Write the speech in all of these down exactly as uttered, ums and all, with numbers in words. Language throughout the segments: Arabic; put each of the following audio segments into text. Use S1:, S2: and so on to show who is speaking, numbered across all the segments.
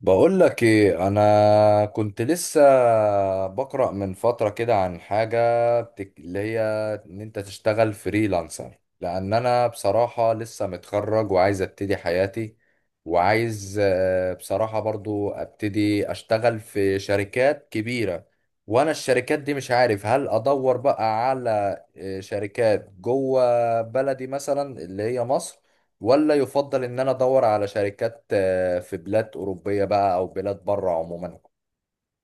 S1: بقول لك ايه؟ انا كنت لسه بقرأ من فترة كده عن حاجة بتك... اللي هي ان انت تشتغل فريلانسر. لان انا بصراحة لسه متخرج وعايز ابتدي حياتي، وعايز آه، بصراحة برضو ابتدي اشتغل في شركات كبيرة. وانا الشركات دي مش عارف، هل ادور بقى على آه، شركات جوه بلدي مثلا اللي هي مصر، ولا يفضل ان انا ادور على شركات آه، في بلاد اوروبيه بقى او بلاد بره عموما.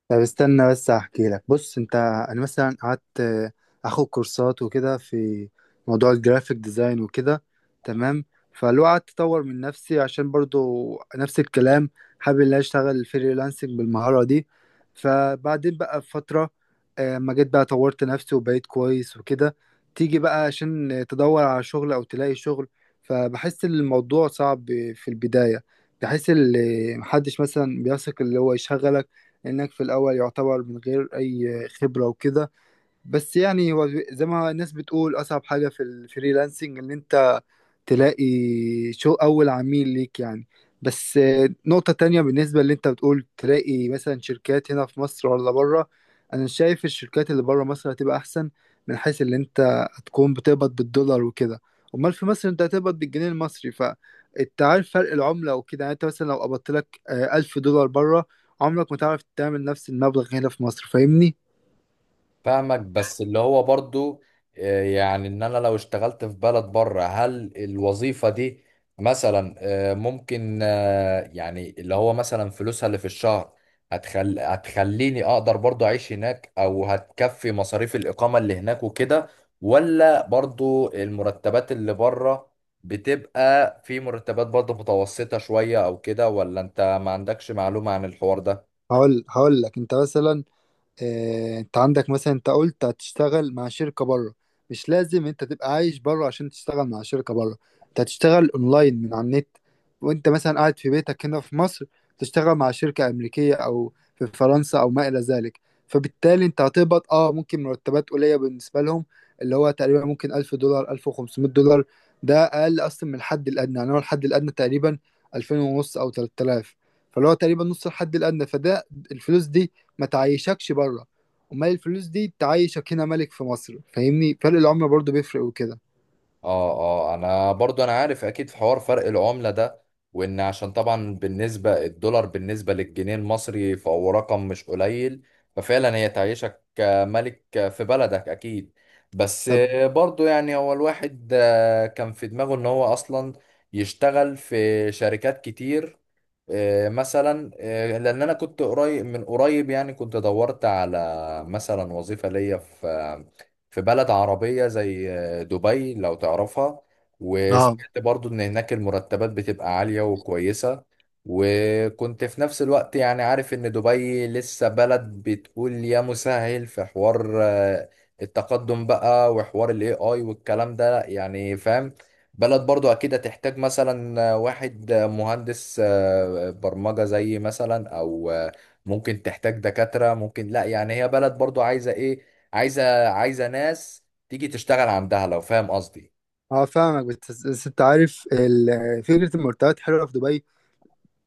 S2: طب استنى بس احكي لك. بص انت، انا مثلا قعدت آه، اخد كورسات وكده في موضوع الجرافيك ديزاين وكده. تمام. فلو قعدت اطور من نفسي عشان برضو نفس الكلام، حابب ان أنا اشتغل فريلانسنج بالمهارة دي. فبعدين بقى بفترة آه، ما جيت بقى طورت نفسي وبقيت كويس وكده، تيجي بقى عشان تدور على شغل او تلاقي شغل. فبحس ان الموضوع صعب في البداية. بحس ان محدش مثلا بيثق اللي هو يشغلك، لأنك في الأول يعتبر من غير أي خبرة وكده. بس يعني هو زي ما الناس بتقول، أصعب حاجة في الفريلانسنج إن أنت تلاقي شو اول عميل ليك يعني. بس آه، نقطة تانية بالنسبة اللي انت بتقول تلاقي مثلا شركات هنا في مصر ولا بره، انا شايف الشركات اللي بره مصر هتبقى احسن، من حيث اللي انت هتكون بتقبض بالدولار وكده. امال في مصر انت هتقبض بالجنيه المصري، فانت عارف فرق العملة وكده. يعني انت مثلا لو قبضت لك آه، ألف دولار بره، عمرك ما تعرف تعمل نفس المبلغ هنا في مصر. فاهمني؟
S1: فاهمك، بس اللي هو برضو آه، يعني ان انا لو اشتغلت في بلد بره، هل الوظيفه دي مثلا آه، ممكن يعني اللي هو مثلا فلوسها اللي في الشهر هتخل... هتخليني اقدر برضو اعيش هناك، او هتكفي مصاريف الاقامة اللي هناك وكده؟ ولا برضو المرتبات اللي بره بتبقى في مرتبات برضو متوسطة شوية او كده؟ ولا انت ما عندكش معلومة عن الحوار ده؟
S2: هقول هقول لك انت مثلا، آه، انت عندك مثلا، انت قلت هتشتغل مع شركة بره. مش لازم انت تبقى عايش بره عشان تشتغل مع شركة بره. انت هتشتغل اونلاين من على النت، وانت مثلا قاعد في بيتك هنا في مصر، تشتغل مع شركة امريكية او في فرنسا او ما الى ذلك. فبالتالي انت هتقبض اه ممكن مرتبات قليلة بالنسبة لهم، اللي هو تقريبا ممكن ألف دولار ألف وخمسمية دولار. ده اقل اصلا من الحد الادنى. يعني هو الحد الادنى تقريبا ألفين ونص او تلات آلاف. فاللي هو تقريبا نص الحد الادنى. فده الفلوس دي ما تعيشكش بره. امال الفلوس دي تعيشك هنا ملك في مصر. فاهمني، فرق العملة برضو بيفرق وكده.
S1: اه. اه، انا برضو انا عارف اكيد في حوار فرق العملة ده، وان عشان طبعا بالنسبة الدولار بالنسبة للجنيه المصري فهو رقم مش قليل. ففعلا هي تعيشك ملك في بلدك اكيد. بس برضو يعني هو الواحد كان في دماغه ان هو اصلا يشتغل في شركات كتير. آه، مثلا آه، لان انا كنت قريب من قريب، يعني كنت دورت على مثلا وظيفة ليا في في بلد عربية زي آه، دبي لو تعرفها.
S2: اه.
S1: وسمعت برضو ان هناك المرتبات بتبقى عالية وكويسة. وكنت في نفس الوقت يعني عارف ان دبي لسه بلد بتقول يا مسهل في حوار آه، التقدم بقى وحوار الاي اي والكلام ده، يعني فاهم. بلد برضو اكيد هتحتاج مثلا واحد مهندس آه، برمجة زي مثلا، او آه، ممكن تحتاج دكاترة، ممكن لا، يعني هي بلد برضو عايزة ايه. عايزة عايزة ناس تيجي تشتغل عندها، لو فاهم قصدي.
S2: اه فاهمك. بس بس انت عارف، ال- فكرة المرتبات حلوة في دبي،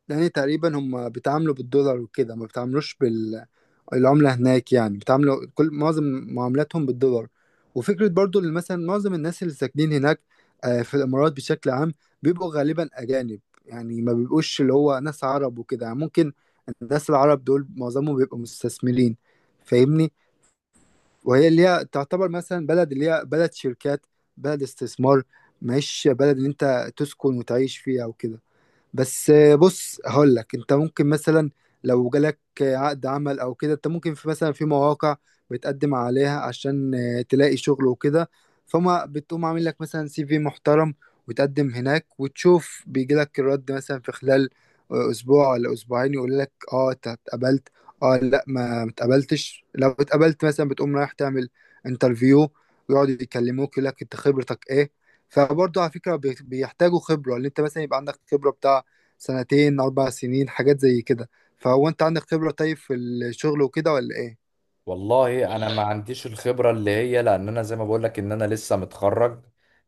S2: لان تقريبا هم بيتعاملوا بالدولار وكده، ما بيتعاملوش بال العملة هناك. يعني بيتعاملوا كل معظم معاملاتهم بالدولار. وفكرة برضو اللي مثلا معظم الناس اللي ساكنين هناك آه، في الإمارات بشكل عام، بيبقوا غالبا أجانب. يعني ما بيبقوش اللي هو ناس عرب وكده. يعني ممكن الناس العرب دول معظمهم بيبقوا مستثمرين، فاهمني. وهي اللي هي تعتبر مثلا بلد، اللي هي بلد شركات، بلد استثمار، مش بلد اللي انت تسكن وتعيش فيها وكده. بس آه، بص هقول لك انت ممكن مثلا، لو جالك آه، عقد عمل او كده، انت ممكن في مثلا في مواقع بتقدم عليها عشان آه، تلاقي شغل وكده. فما بتقوم عامل لك مثلا سي في محترم وتقدم هناك، وتشوف بيجي لك الرد مثلا في خلال آه، اسبوع ولا اسبوعين، يقول لك اه انت اتقبلت، اه لا ما متقبلتش. لو اتقبلت مثلا، بتقوم رايح تعمل انترفيو، ويقعدوا يكلموك يقول لك انت خبرتك ايه. فبرضه على فكرة، بي- بيحتاجوا خبرة، اللي انت مثلا يبقى عندك خبرة بتاع سنتين أربع سنين، حاجات زي كده. فهو أنت عندك خبرة طيب في الشغل وكده ولا إيه؟
S1: والله انا
S2: والله
S1: ما عنديش الخبره اللي هي، لان انا زي ما بقول لك ان انا لسه متخرج.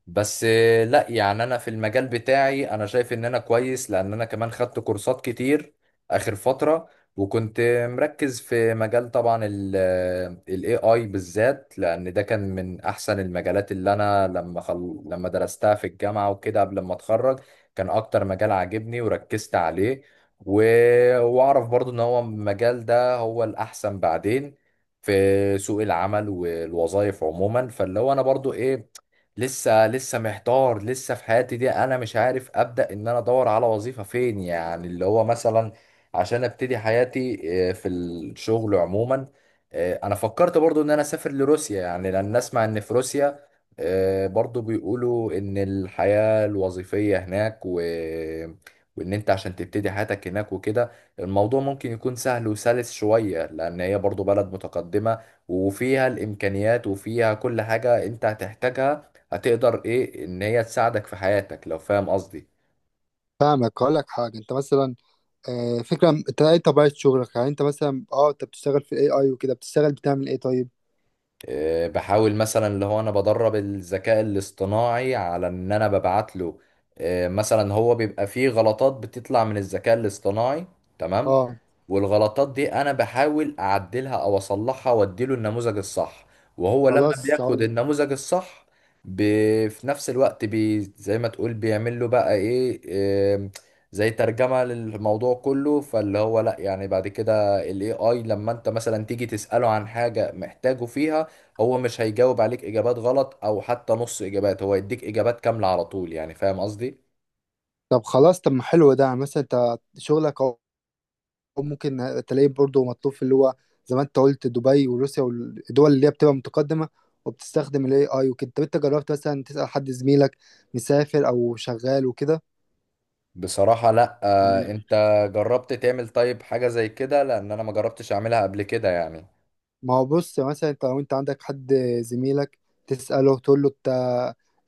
S1: بس آه، لا يعني انا في المجال بتاعي انا شايف ان انا كويس، لان انا كمان خدت كورسات كتير اخر فتره. وكنت مركز في مجال طبعا ال A I بالذات، لان ده كان من احسن المجالات اللي انا لما خل... لما درستها في الجامعه وكده قبل ما اتخرج. كان اكتر مجال عاجبني وركزت عليه. و... واعرف برضو ان هو المجال ده هو الاحسن بعدين في سوق العمل والوظائف عموما. فاللي هو انا برضو ايه، لسه لسه محتار، لسه في حياتي دي انا مش عارف ابدا ان انا ادور على وظيفه فين، يعني اللي هو مثلا عشان ابتدي حياتي آه، في الشغل عموما. آه، انا فكرت برضو ان انا اسافر لروسيا، يعني لان اسمع ان في روسيا آه، برضو بيقولوا ان الحياه الوظيفيه هناك و وان انت عشان تبتدي حياتك هناك وكده الموضوع ممكن يكون سهل وسلس شوية، لأن هي برضو بلد متقدمة وفيها الإمكانيات وفيها كل حاجة أنت هتحتاجها، هتقدر إيه إن هي تساعدك في حياتك، لو فاهم قصدي.
S2: فاهمك. هقول لك حاجة. أنت مثلا، آه، فكرة أنت إيه طبيعة شغلك؟ يعني أنت مثلا أه أنت بتشتغل في الأي أي وكده، بتشتغل بتعمل إيه طيب؟
S1: آه، بحاول مثلا اللي هو انا بدرب الذكاء الاصطناعي على ان انا ببعت له آه، مثلا. هو بيبقى فيه غلطات بتطلع من الذكاء الاصطناعي، تمام.
S2: أه.
S1: والغلطات دي انا بحاول اعدلها او اصلحها، واديله النموذج الصح. وهو لما
S2: خلاص هقول
S1: بياخد
S2: لك.
S1: النموذج الصح، ب... في نفس الوقت بي... زي ما تقول بيعمل له بقى ايه، آم، زي ترجمة للموضوع كله. فاللي هو لا يعني بعد كده الاي اي لما انت مثلا تيجي تسأله عن حاجة محتاجه فيها، هو مش هيجاوب عليك اجابات غلط او حتى نص اجابات، هو يديك اجابات كاملة على طول، يعني فاهم قصدي.
S2: طب خلاص، طب ما حلو ده. يعني مثلا أنت شغلك أهو ممكن تلاقيه برضه مطلوب في اللي هو زي ما أنت قلت دبي وروسيا والدول اللي هي بتبقى متقدمة وبتستخدم ال إيه آي وكده. طب أنت جربت مثلا تسأل حد زميلك مسافر أو شغال وكده؟
S1: بصراحة لا. آه،
S2: يعني
S1: انت جربت تعمل طيب حاجة زي كده؟ لان انا ما جربتش اعملها قبل كده يعني.
S2: ما هو بص، مثلا انت لو انت عندك حد زميلك تسأله تقول له انت،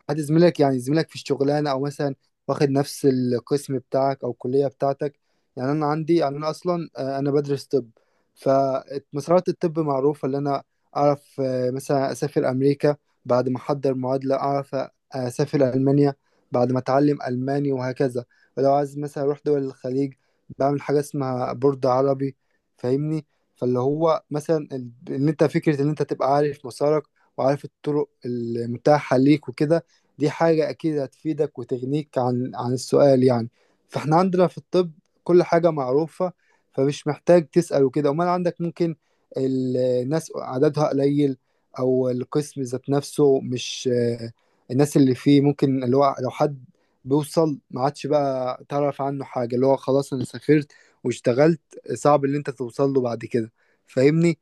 S2: حد زميلك يعني زميلك في الشغلانة، او مثلا واخد نفس القسم بتاعك او الكلية بتاعتك. يعني انا عندي، يعني انا اصلا آه، انا بدرس طب، فمسارات الطب معروفة. اللي انا اعرف آه، مثلا اسافر امريكا بعد ما احضر معادلة، اعرف آه، اسافر المانيا بعد ما اتعلم الماني، وهكذا. ولو عايز مثلا اروح دول الخليج، بعمل حاجة اسمها بورد عربي، فاهمني. فاللي هو مثلا ال- ان انت فكره ان انت تبقى عارف مسارك وعارف الطرق المتاحه ليك وكده، دي حاجه اكيد هتفيدك وتغنيك عن عن السؤال يعني. فاحنا عندنا في الطب كل حاجه معروفه، فمش محتاج تسال وكده. امال عندك ممكن ال- الناس عددها قليل، او القسم ذات نفسه مش آه، الناس اللي فيه ممكن. اللي هو لو حد بيوصل ما عادش بقى تعرف عنه حاجه، اللي هو خلاص انا سافرت واشتغلت، صعب اللي انت توصل له بعد كده. فاهمني.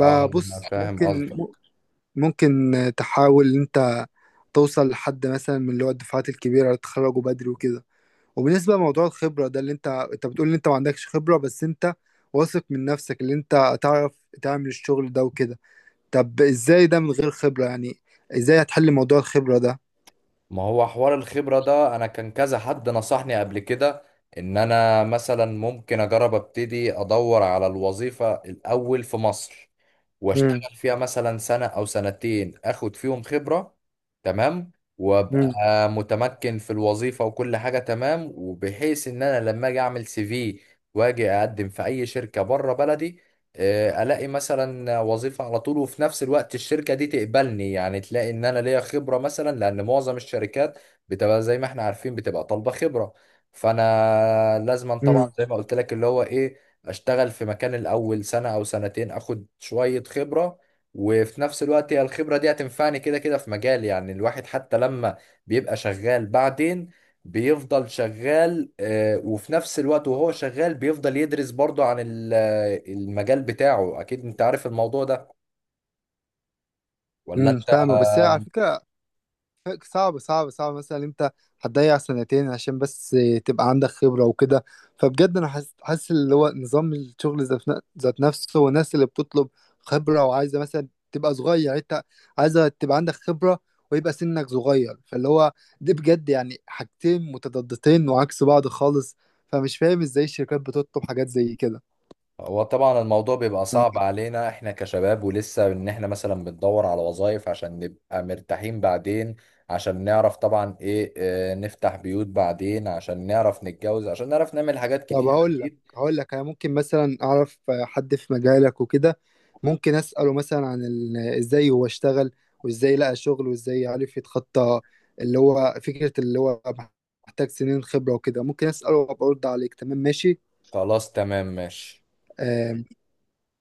S1: اه، أنا فاهم
S2: ممكن
S1: قصدك.
S2: ممكن تحاول ان انت توصل لحد مثلا من اللي هو الدفعات الكبيره اللي اتخرجوا بدري وكده. وبالنسبه لموضوع الخبره ده، اللي انت انت بتقول ان انت ما عندكش خبره، بس انت واثق من نفسك اللي انت تعرف تعمل الشغل ده وكده. طب ازاي ده من غير خبره يعني؟ ازاي هتحل موضوع الخبره ده؟
S1: ما هو حوار الخبرة ده انا كان كذا حد نصحني قبل كده ان انا مثلا ممكن اجرب ابتدي ادور على الوظيفة الاول في مصر،
S2: امم
S1: واشتغل فيها مثلا سنة او سنتين، اخد فيهم خبرة. تمام. وابقى متمكن في الوظيفة وكل حاجة تمام، وبحيث ان انا لما اجي اعمل سي في واجي اقدم في اي شركة بره بلدي، آه، الاقي مثلا وظيفة على طول، وفي نفس الوقت الشركة دي تقبلني، يعني تلاقي ان انا ليا خبرة مثلا. لان معظم الشركات بتبقى زي ما احنا عارفين بتبقى طالبة خبرة. فانا لازما
S2: امم
S1: طبعا زي ما قلت لك اللي هو ايه، اشتغل في مكان الاول سنة او سنتين، اخد شوية خبرة. وفي نفس الوقت هي الخبرة دي هتنفعني كده كده في مجالي. يعني الواحد حتى لما بيبقى شغال بعدين بيفضل شغال، آه، وفي نفس الوقت وهو شغال بيفضل يدرس برضه عن ال- آه، المجال بتاعه. اكيد انت عارف الموضوع ده، ولا
S2: امم
S1: انت؟
S2: فاهمك. بس هي على فكره صعب صعب صعب. مثلا انت هتضيع سنتين عشان بس تبقى عندك خبرة وكده. فبجد انا حاسس حاسس اللي هو نظام الشغل ذات ن- ذات نفسه، والناس اللي بتطلب خبرة وعايزة مثلا تبقى صغير. انت عايزة تبقى عندك خبرة ويبقى سنك صغير، فاللي هو دي بجد يعني حاجتين متضادتين وعكس بعض خالص. فمش فاهم ازاي الشركات بتطلب حاجات زي كده.
S1: هو طبعا الموضوع بيبقى صعب علينا احنا كشباب، ولسه ان احنا مثلا بندور على وظائف عشان نبقى مرتاحين بعدين، عشان نعرف طبعا ايه، اه، نفتح بيوت بعدين، عشان نعرف نتجوز، عشان نعرف نعمل حاجات
S2: طب
S1: كتير
S2: هقول لك
S1: اكيد.
S2: هقول لك، انا ممكن مثلا اعرف حد في مجالك وكده، ممكن اساله مثلا عن ال- ازاي هو اشتغل، وازاي لقى شغل، وازاي عرف يتخطى اللي هو فكرة اللي هو محتاج سنين خبرة وكده. ممكن اساله وابقى ارد عليك. تمام ماشي؟
S1: خلاص، تمام، ماشي.
S2: آه،